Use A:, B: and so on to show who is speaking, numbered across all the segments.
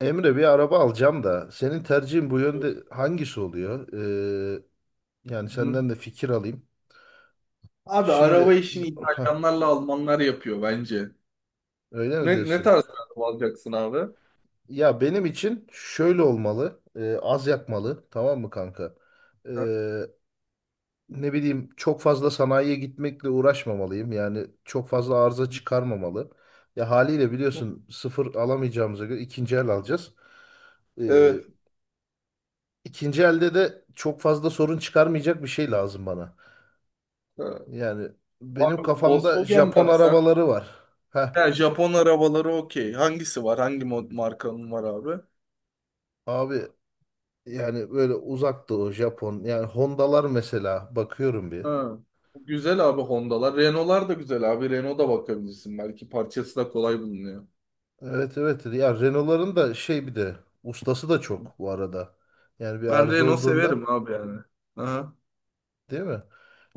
A: Emre bir araba alacağım da senin tercihin bu yönde hangisi oluyor? Ee, Yani
B: Hı.
A: senden de fikir alayım.
B: Abi
A: Şimdi.
B: araba işini
A: Hah,
B: İtalyanlarla Almanlar yapıyor bence.
A: Öyle mi
B: Ne
A: diyorsun?
B: tarz bir araba alacaksın abi?
A: Ya benim için şöyle olmalı. Az yakmalı, tamam mı kanka?
B: Ha?
A: Ee, Ne bileyim, çok fazla sanayiye gitmekle uğraşmamalıyım. Yani çok fazla arıza çıkarmamalı. Ya haliyle biliyorsun, sıfır alamayacağımıza göre ikinci el alacağız. Ee,
B: Evet.
A: ikinci elde de çok fazla sorun çıkarmayacak bir şey lazım bana.
B: Ha.
A: Yani benim
B: Abi
A: kafamda
B: Volkswagen
A: Japon
B: baksan.
A: arabaları var. Heh,
B: Ha, Japon arabaları okey. Hangisi var? Hangi markanın var abi?
A: Abi yani böyle uzaktı o Japon. Yani Honda'lar mesela bakıyorum bir.
B: Ha. Güzel abi Honda'lar. Renault'lar da güzel abi. Renault'a bakabilirsin. Belki parçası da kolay bulunuyor.
A: Evet evet, ya Renault'ların da şey, bir de ustası da çok bu arada. Yani bir
B: Ben
A: arıza
B: Renault
A: olduğunda,
B: severim abi yani. Aha.
A: değil mi?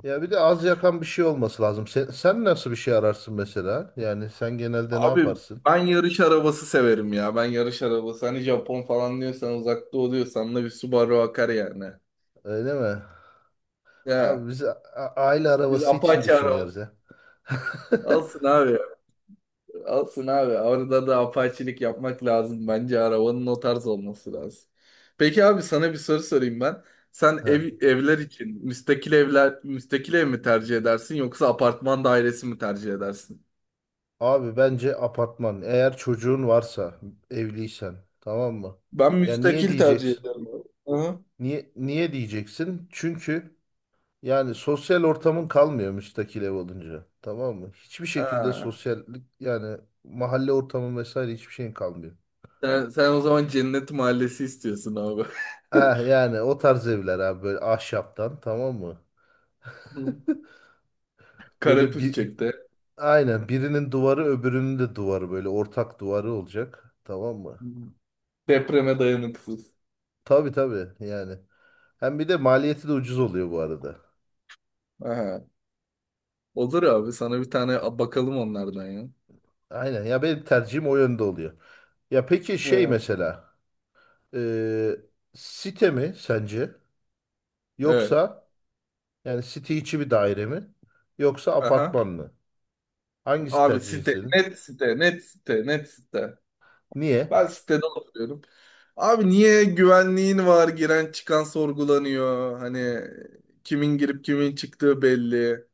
A: Ya bir de az yakan bir şey olması lazım. Sen nasıl bir şey ararsın mesela? Yani sen genelde ne
B: Abi
A: yaparsın?
B: ben yarış arabası severim ya. Ben yarış arabası. Hani Japon falan diyorsan uzakta oluyorsan da bir Subaru akar yani.
A: Öyle mi? Abi
B: Ya
A: biz aile
B: biz
A: arabası için
B: Apache araba.
A: düşünüyoruz ya.
B: Alsın abi. Alsın abi. Orada da apaçilik yapmak lazım. Bence arabanın o tarz olması lazım. Peki abi sana bir soru sorayım ben. Sen
A: Heh.
B: evler için müstakil ev mi tercih edersin yoksa apartman dairesi mi tercih edersin?
A: Abi bence apartman. Eğer çocuğun varsa, evliysen, tamam mı?
B: Ben
A: Ya niye
B: müstakil tercih
A: diyeceksin?
B: ederim abi. Aha.
A: Niye diyeceksin? Çünkü yani sosyal ortamın kalmıyor müstakil ev olunca. Tamam mı? Hiçbir şekilde
B: Ha.
A: sosyallik, yani mahalle ortamı vesaire, hiçbir şeyin kalmıyor.
B: Sen o zaman Cennet Mahallesi istiyorsun abi.
A: Ah yani o tarz evler abi, böyle ahşaptan, tamam mı?
B: Hı.
A: Böyle bir,
B: Karapürçek'te.
A: aynen, birinin duvarı öbürünün de duvarı, böyle ortak duvarı olacak. Tamam mı?
B: Hı. Depreme dayanıksız.
A: Tabii tabii yani. Hem bir de maliyeti de ucuz oluyor bu arada.
B: Aha. Olur abi sana bir tane bakalım onlardan ya.
A: Aynen, ya benim tercihim o yönde oluyor. Ya peki
B: He,
A: şey, mesela e, site mi sence,
B: evet.
A: yoksa yani site içi bir daire mi, yoksa
B: Aha.
A: apartman mı? Hangisi
B: Abi
A: tercihin
B: site.
A: senin?
B: Net site. Net site. Net site.
A: Niye?
B: Ben sitede oturuyorum. Abi niye güvenliğin var? Giren çıkan sorgulanıyor. Hani kimin girip kimin çıktığı belli.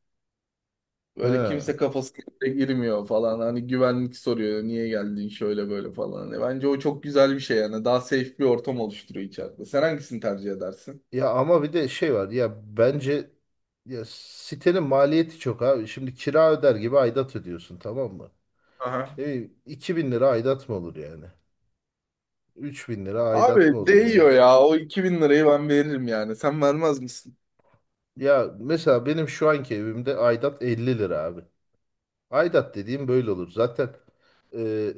B: Böyle
A: Ha.
B: kimse kafasına bile girmiyor falan. Hani güvenlik soruyor niye geldin şöyle böyle falan. Hani bence o çok güzel bir şey yani. Daha safe bir ortam oluşturuyor içeride. Sen hangisini tercih edersin?
A: Ya ama bir de şey var ya, bence ya sitenin maliyeti çok abi. Şimdi kira öder gibi aidat ödüyorsun, tamam mı?
B: Aha.
A: Ne bileyim, 2000 lira aidat mı olur yani? 3000 lira aidat
B: Abi
A: mı olur ya?
B: değiyor ya. O 2.000 lirayı ben veririm yani. Sen vermez misin?
A: Ya mesela benim şu anki evimde aidat 50 lira abi. Aidat dediğim böyle olur. Zaten e,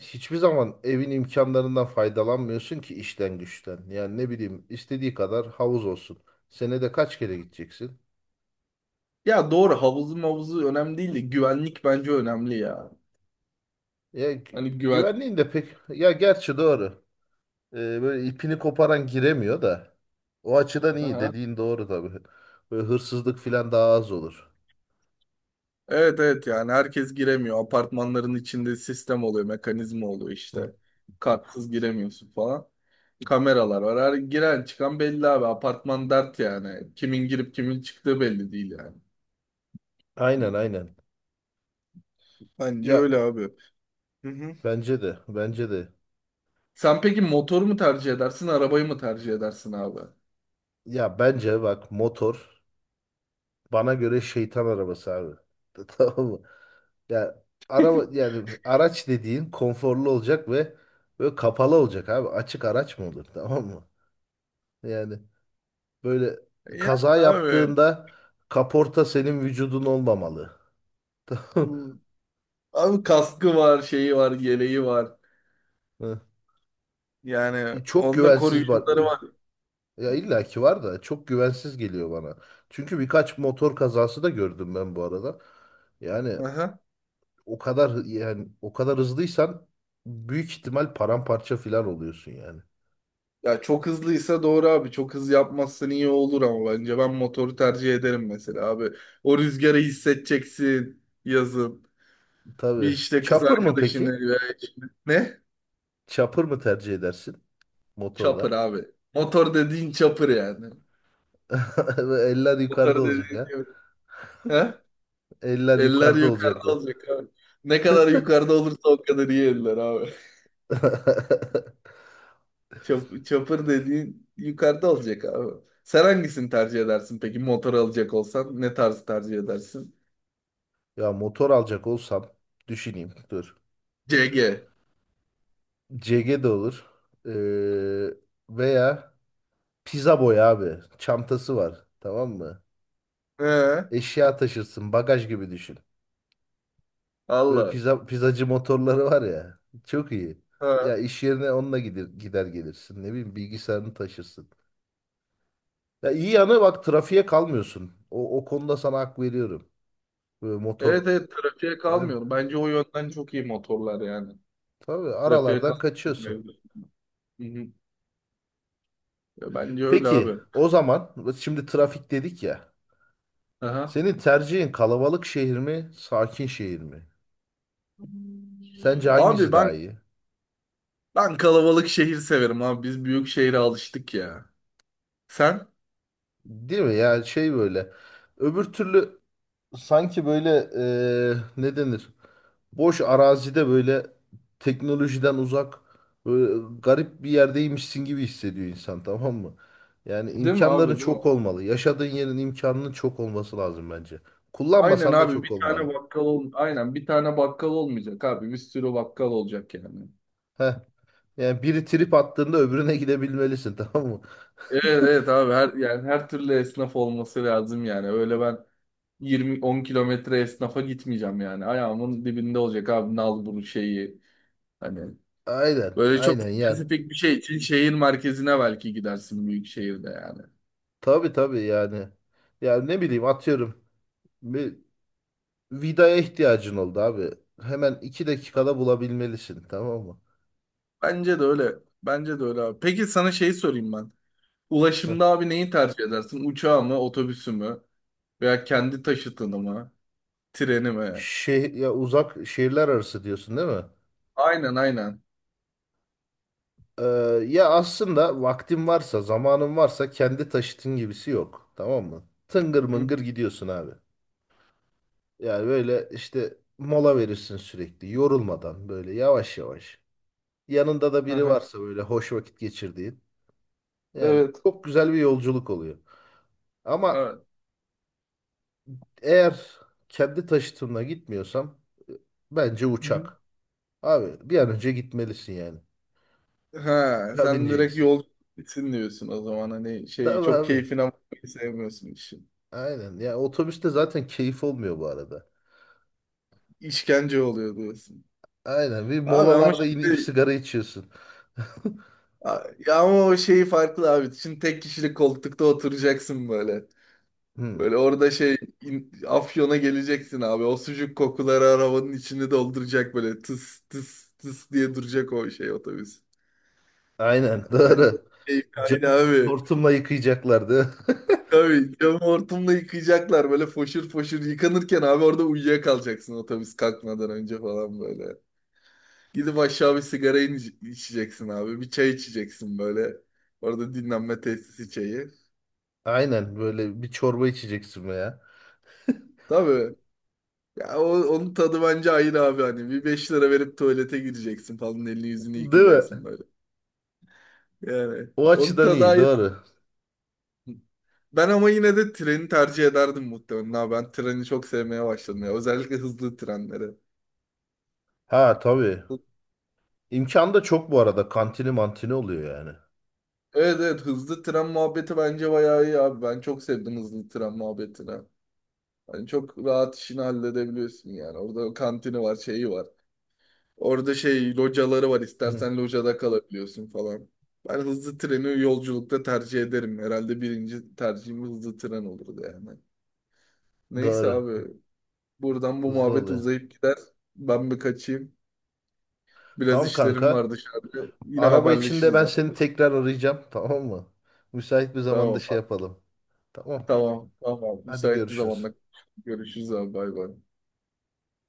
A: hiçbir zaman evin imkanlarından faydalanmıyorsun ki, işten güçten. Yani ne bileyim, istediği kadar havuz olsun. Senede kaç kere gideceksin?
B: Ya doğru havuzu mavuzu önemli değil de güvenlik bence önemli ya.
A: Ya
B: Hani güven...
A: güvenliğin de pek, ya gerçi doğru. Böyle ipini koparan giremiyor da. O açıdan iyi
B: Aha.
A: dediğin doğru tabii. Böyle hırsızlık falan daha az olur.
B: Evet, evet, yani herkes giremiyor. Apartmanların içinde sistem oluyor, mekanizma oluyor işte.
A: Hı.
B: Kartsız giremiyorsun falan. Kameralar var. Her giren çıkan belli abi. Apartman dert yani. Kimin girip kimin çıktığı belli değil yani.
A: Aynen aynen.
B: Bence
A: Ya
B: öyle abi. Hı hı.
A: bence de.
B: Sen peki motoru mu tercih edersin, arabayı mı tercih edersin abi?
A: Ya bence bak, motor bana göre şeytan arabası abi. Tamam mı? Ya araba, yani araç dediğin konforlu olacak ve böyle kapalı olacak abi. Açık araç mı olur? Tamam mı? Yani böyle
B: Ya
A: kaza
B: abi.
A: yaptığında kaporta senin vücudun olmamalı. Tamam
B: bu- Abi kaskı var, şeyi var, geleği var.
A: mı?
B: Yani
A: Çok
B: onda
A: güvensiz bak.
B: koruyucuları var.
A: Ya illaki var da çok güvensiz geliyor bana. Çünkü birkaç motor kazası da gördüm ben bu arada. Yani
B: Aha.
A: o kadar yani o kadar hızlıysan büyük ihtimal paramparça filan oluyorsun yani.
B: Ya çok hızlıysa doğru abi. Çok hız yapmazsın iyi olur ama bence ben motoru tercih ederim mesela abi. O rüzgarı hissedeceksin yazın. Bir
A: Tabii.
B: işte kız
A: Chopper mı
B: arkadaşını
A: peki?
B: veya eşini. Ne?
A: Chopper mı tercih edersin
B: Çapır
A: motorla?
B: abi. Motor dediğin çapır yani.
A: Eller yukarıda
B: Motor
A: olacak
B: dediğin
A: ha.
B: çapır. He?
A: Eller
B: Eller
A: yukarıda olacak
B: yukarıda
A: mı?
B: olacak abi. Ne kadar yukarıda olursa o kadar iyi eller abi. Çapır dediğin yukarıda olacak abi. Sen hangisini tercih edersin peki motor alacak olsan? Ne tarzı tercih edersin?
A: Ya motor alacak olsam düşüneyim dur.
B: CG.
A: CG de olur. Ee, Veya pizza boy abi. Çantası var. Tamam mı?
B: He?
A: Eşya taşırsın. Bagaj gibi düşün. Böyle
B: Allah.
A: pizza, pizzacı motorları var ya. Çok iyi. Ya
B: Ha.
A: iş yerine onunla gider, gelirsin. Ne bileyim, bilgisayarını taşırsın. Ya iyi yanı bak, trafiğe kalmıyorsun. O konuda sana hak veriyorum. Böyle motor
B: Evet, evet, trafiğe
A: yani,
B: kalmıyor. Bence o yönden çok iyi motorlar yani.
A: tabii
B: Trafiğe
A: aralardan kaçıyorsun.
B: kalmıyor. Hı hı. Ya bence öyle
A: Peki
B: abi.
A: o zaman, şimdi trafik dedik ya.
B: Aha.
A: Senin tercihin kalabalık şehir mi, sakin şehir mi? Sence
B: Abi
A: hangisi
B: ben
A: daha iyi?
B: ben kalabalık şehir severim abi. Biz büyük şehre alıştık ya. Sen?
A: Değil mi? Yani şey, böyle. Öbür türlü sanki böyle ne denir? Boş arazide, böyle teknolojiden uzak, böyle garip bir yerdeymişsin gibi hissediyor insan, tamam mı? Yani
B: Değil mi
A: imkanların
B: abi, değil mi?
A: çok olmalı. Yaşadığın yerin imkanının çok olması lazım bence.
B: Aynen
A: Kullanmasan da
B: abi
A: çok olmalı.
B: bir tane bakkal olmayacak abi. Bir sürü bakkal olacak yani.
A: Heh. Yani biri trip attığında öbürüne gidebilmelisin, tamam mı?
B: Evet, evet, abi her, yani, her türlü esnaf olması lazım yani. Öyle ben yirmi 10 kilometre esnafa gitmeyeceğim yani. Ayağımın dibinde olacak abi nal bunu şeyi. Hani
A: Aynen
B: böyle çok
A: aynen yani.
B: spesifik bir şey için şehir merkezine belki gidersin büyük şehirde yani.
A: Tabii tabii yani. Ya ne bileyim, atıyorum. Bir vidaya ihtiyacın oldu abi. Hemen 2 dakikada bulabilmelisin, tamam mı?
B: Bence de öyle. Bence de öyle abi. Peki sana şey sorayım ben. Ulaşımda abi neyi tercih edersin? Uçağı mı, otobüsü mü? Veya kendi taşıtını mı? Treni mi?
A: Ya uzak şehirler arası diyorsun, değil mi?
B: Aynen aynen.
A: Ee, Ya aslında vaktin varsa, zamanın varsa, kendi taşıtın gibisi yok. Tamam mı? Tıngır
B: Hı?
A: mıngır gidiyorsun abi. Yani böyle işte mola verirsin sürekli, yorulmadan, böyle yavaş yavaş. Yanında da biri
B: Aha.
A: varsa, böyle hoş vakit geçirdiğin. Yani
B: Evet.
A: çok güzel bir yolculuk oluyor. Ama
B: Evet.
A: eğer kendi taşıtımla gitmiyorsam e, bence
B: Hı hı.
A: uçak. Abi bir an önce gitmelisin yani.
B: Ha,
A: Uçağa
B: sen direkt
A: bineceksin.
B: yol bitsin diyorsun o zaman hani şey
A: Tamam
B: çok
A: abi.
B: keyfine bakmayı sevmiyorsun işin.
A: Aynen. Ya otobüste zaten keyif olmuyor bu arada.
B: İşkence oluyor diyorsun.
A: Aynen. Bir
B: Abi ama
A: molalarda inip
B: şimdi
A: sigara içiyorsun.
B: ya ama o şeyi farklı abi. Şimdi tek kişilik koltukta oturacaksın böyle.
A: Hı.
B: Böyle orada şey Afyon'a geleceksin abi. O sucuk kokuları arabanın içini dolduracak böyle tıs tıs tıs diye duracak o şey otobüs.
A: Aynen.
B: Hani bence
A: Doğru.
B: keyif kaydı
A: Camı böyle
B: abi.
A: hortumla yıkayacaklardı.
B: Tabii camı hortumla yıkayacaklar böyle foşur foşur yıkanırken abi orada uyuyakalacaksın otobüs kalkmadan önce falan böyle. Gidip aşağı bir sigara içeceksin abi. Bir çay içeceksin böyle. Orada dinlenme tesisi çayı.
A: Aynen. Böyle bir çorba içeceksin ya.
B: Tabii. Ya onun tadı bence ayrı abi hani. Bir 5 lira verip tuvalete gireceksin falan. Elini yüzünü
A: Değil mi?
B: yıkayacaksın böyle. Yani
A: O
B: onun
A: açıdan
B: tadı
A: iyi.
B: ayrı.
A: Doğru.
B: Ben ama yine de treni tercih ederdim muhtemelen. Ha, ben treni çok sevmeye başladım ya. Özellikle hızlı trenleri.
A: Ha tabii. İmkan da çok bu arada. Kantini mantini oluyor yani.
B: Evet, evet, hızlı tren muhabbeti bence bayağı iyi abi. Ben çok sevdim hızlı tren muhabbetini. Hani çok rahat işini halledebiliyorsun yani. Orada kantini var, şeyi var. Orada şey locaları var.
A: Hı.
B: İstersen locada kalabiliyorsun falan. Ben hızlı treni yolculukta tercih ederim. Herhalde birinci tercihim hızlı tren olurdu yani. Neyse
A: Doğru.
B: abi buradan bu
A: Hızlı
B: muhabbet
A: oluyor.
B: uzayıp gider. Ben bir kaçayım. Biraz
A: Tamam
B: işlerim var
A: kanka.
B: dışarıda. Yine
A: Araba içinde
B: haberleşiriz
A: ben
B: abi.
A: seni tekrar arayacağım. Tamam mı? Müsait bir zamanda şey
B: Tamam.
A: yapalım. Tamam.
B: Tamam. Tamam.
A: Hadi
B: Müsait bir
A: görüşürüz.
B: zamanda görüşürüz abi. Bay bay.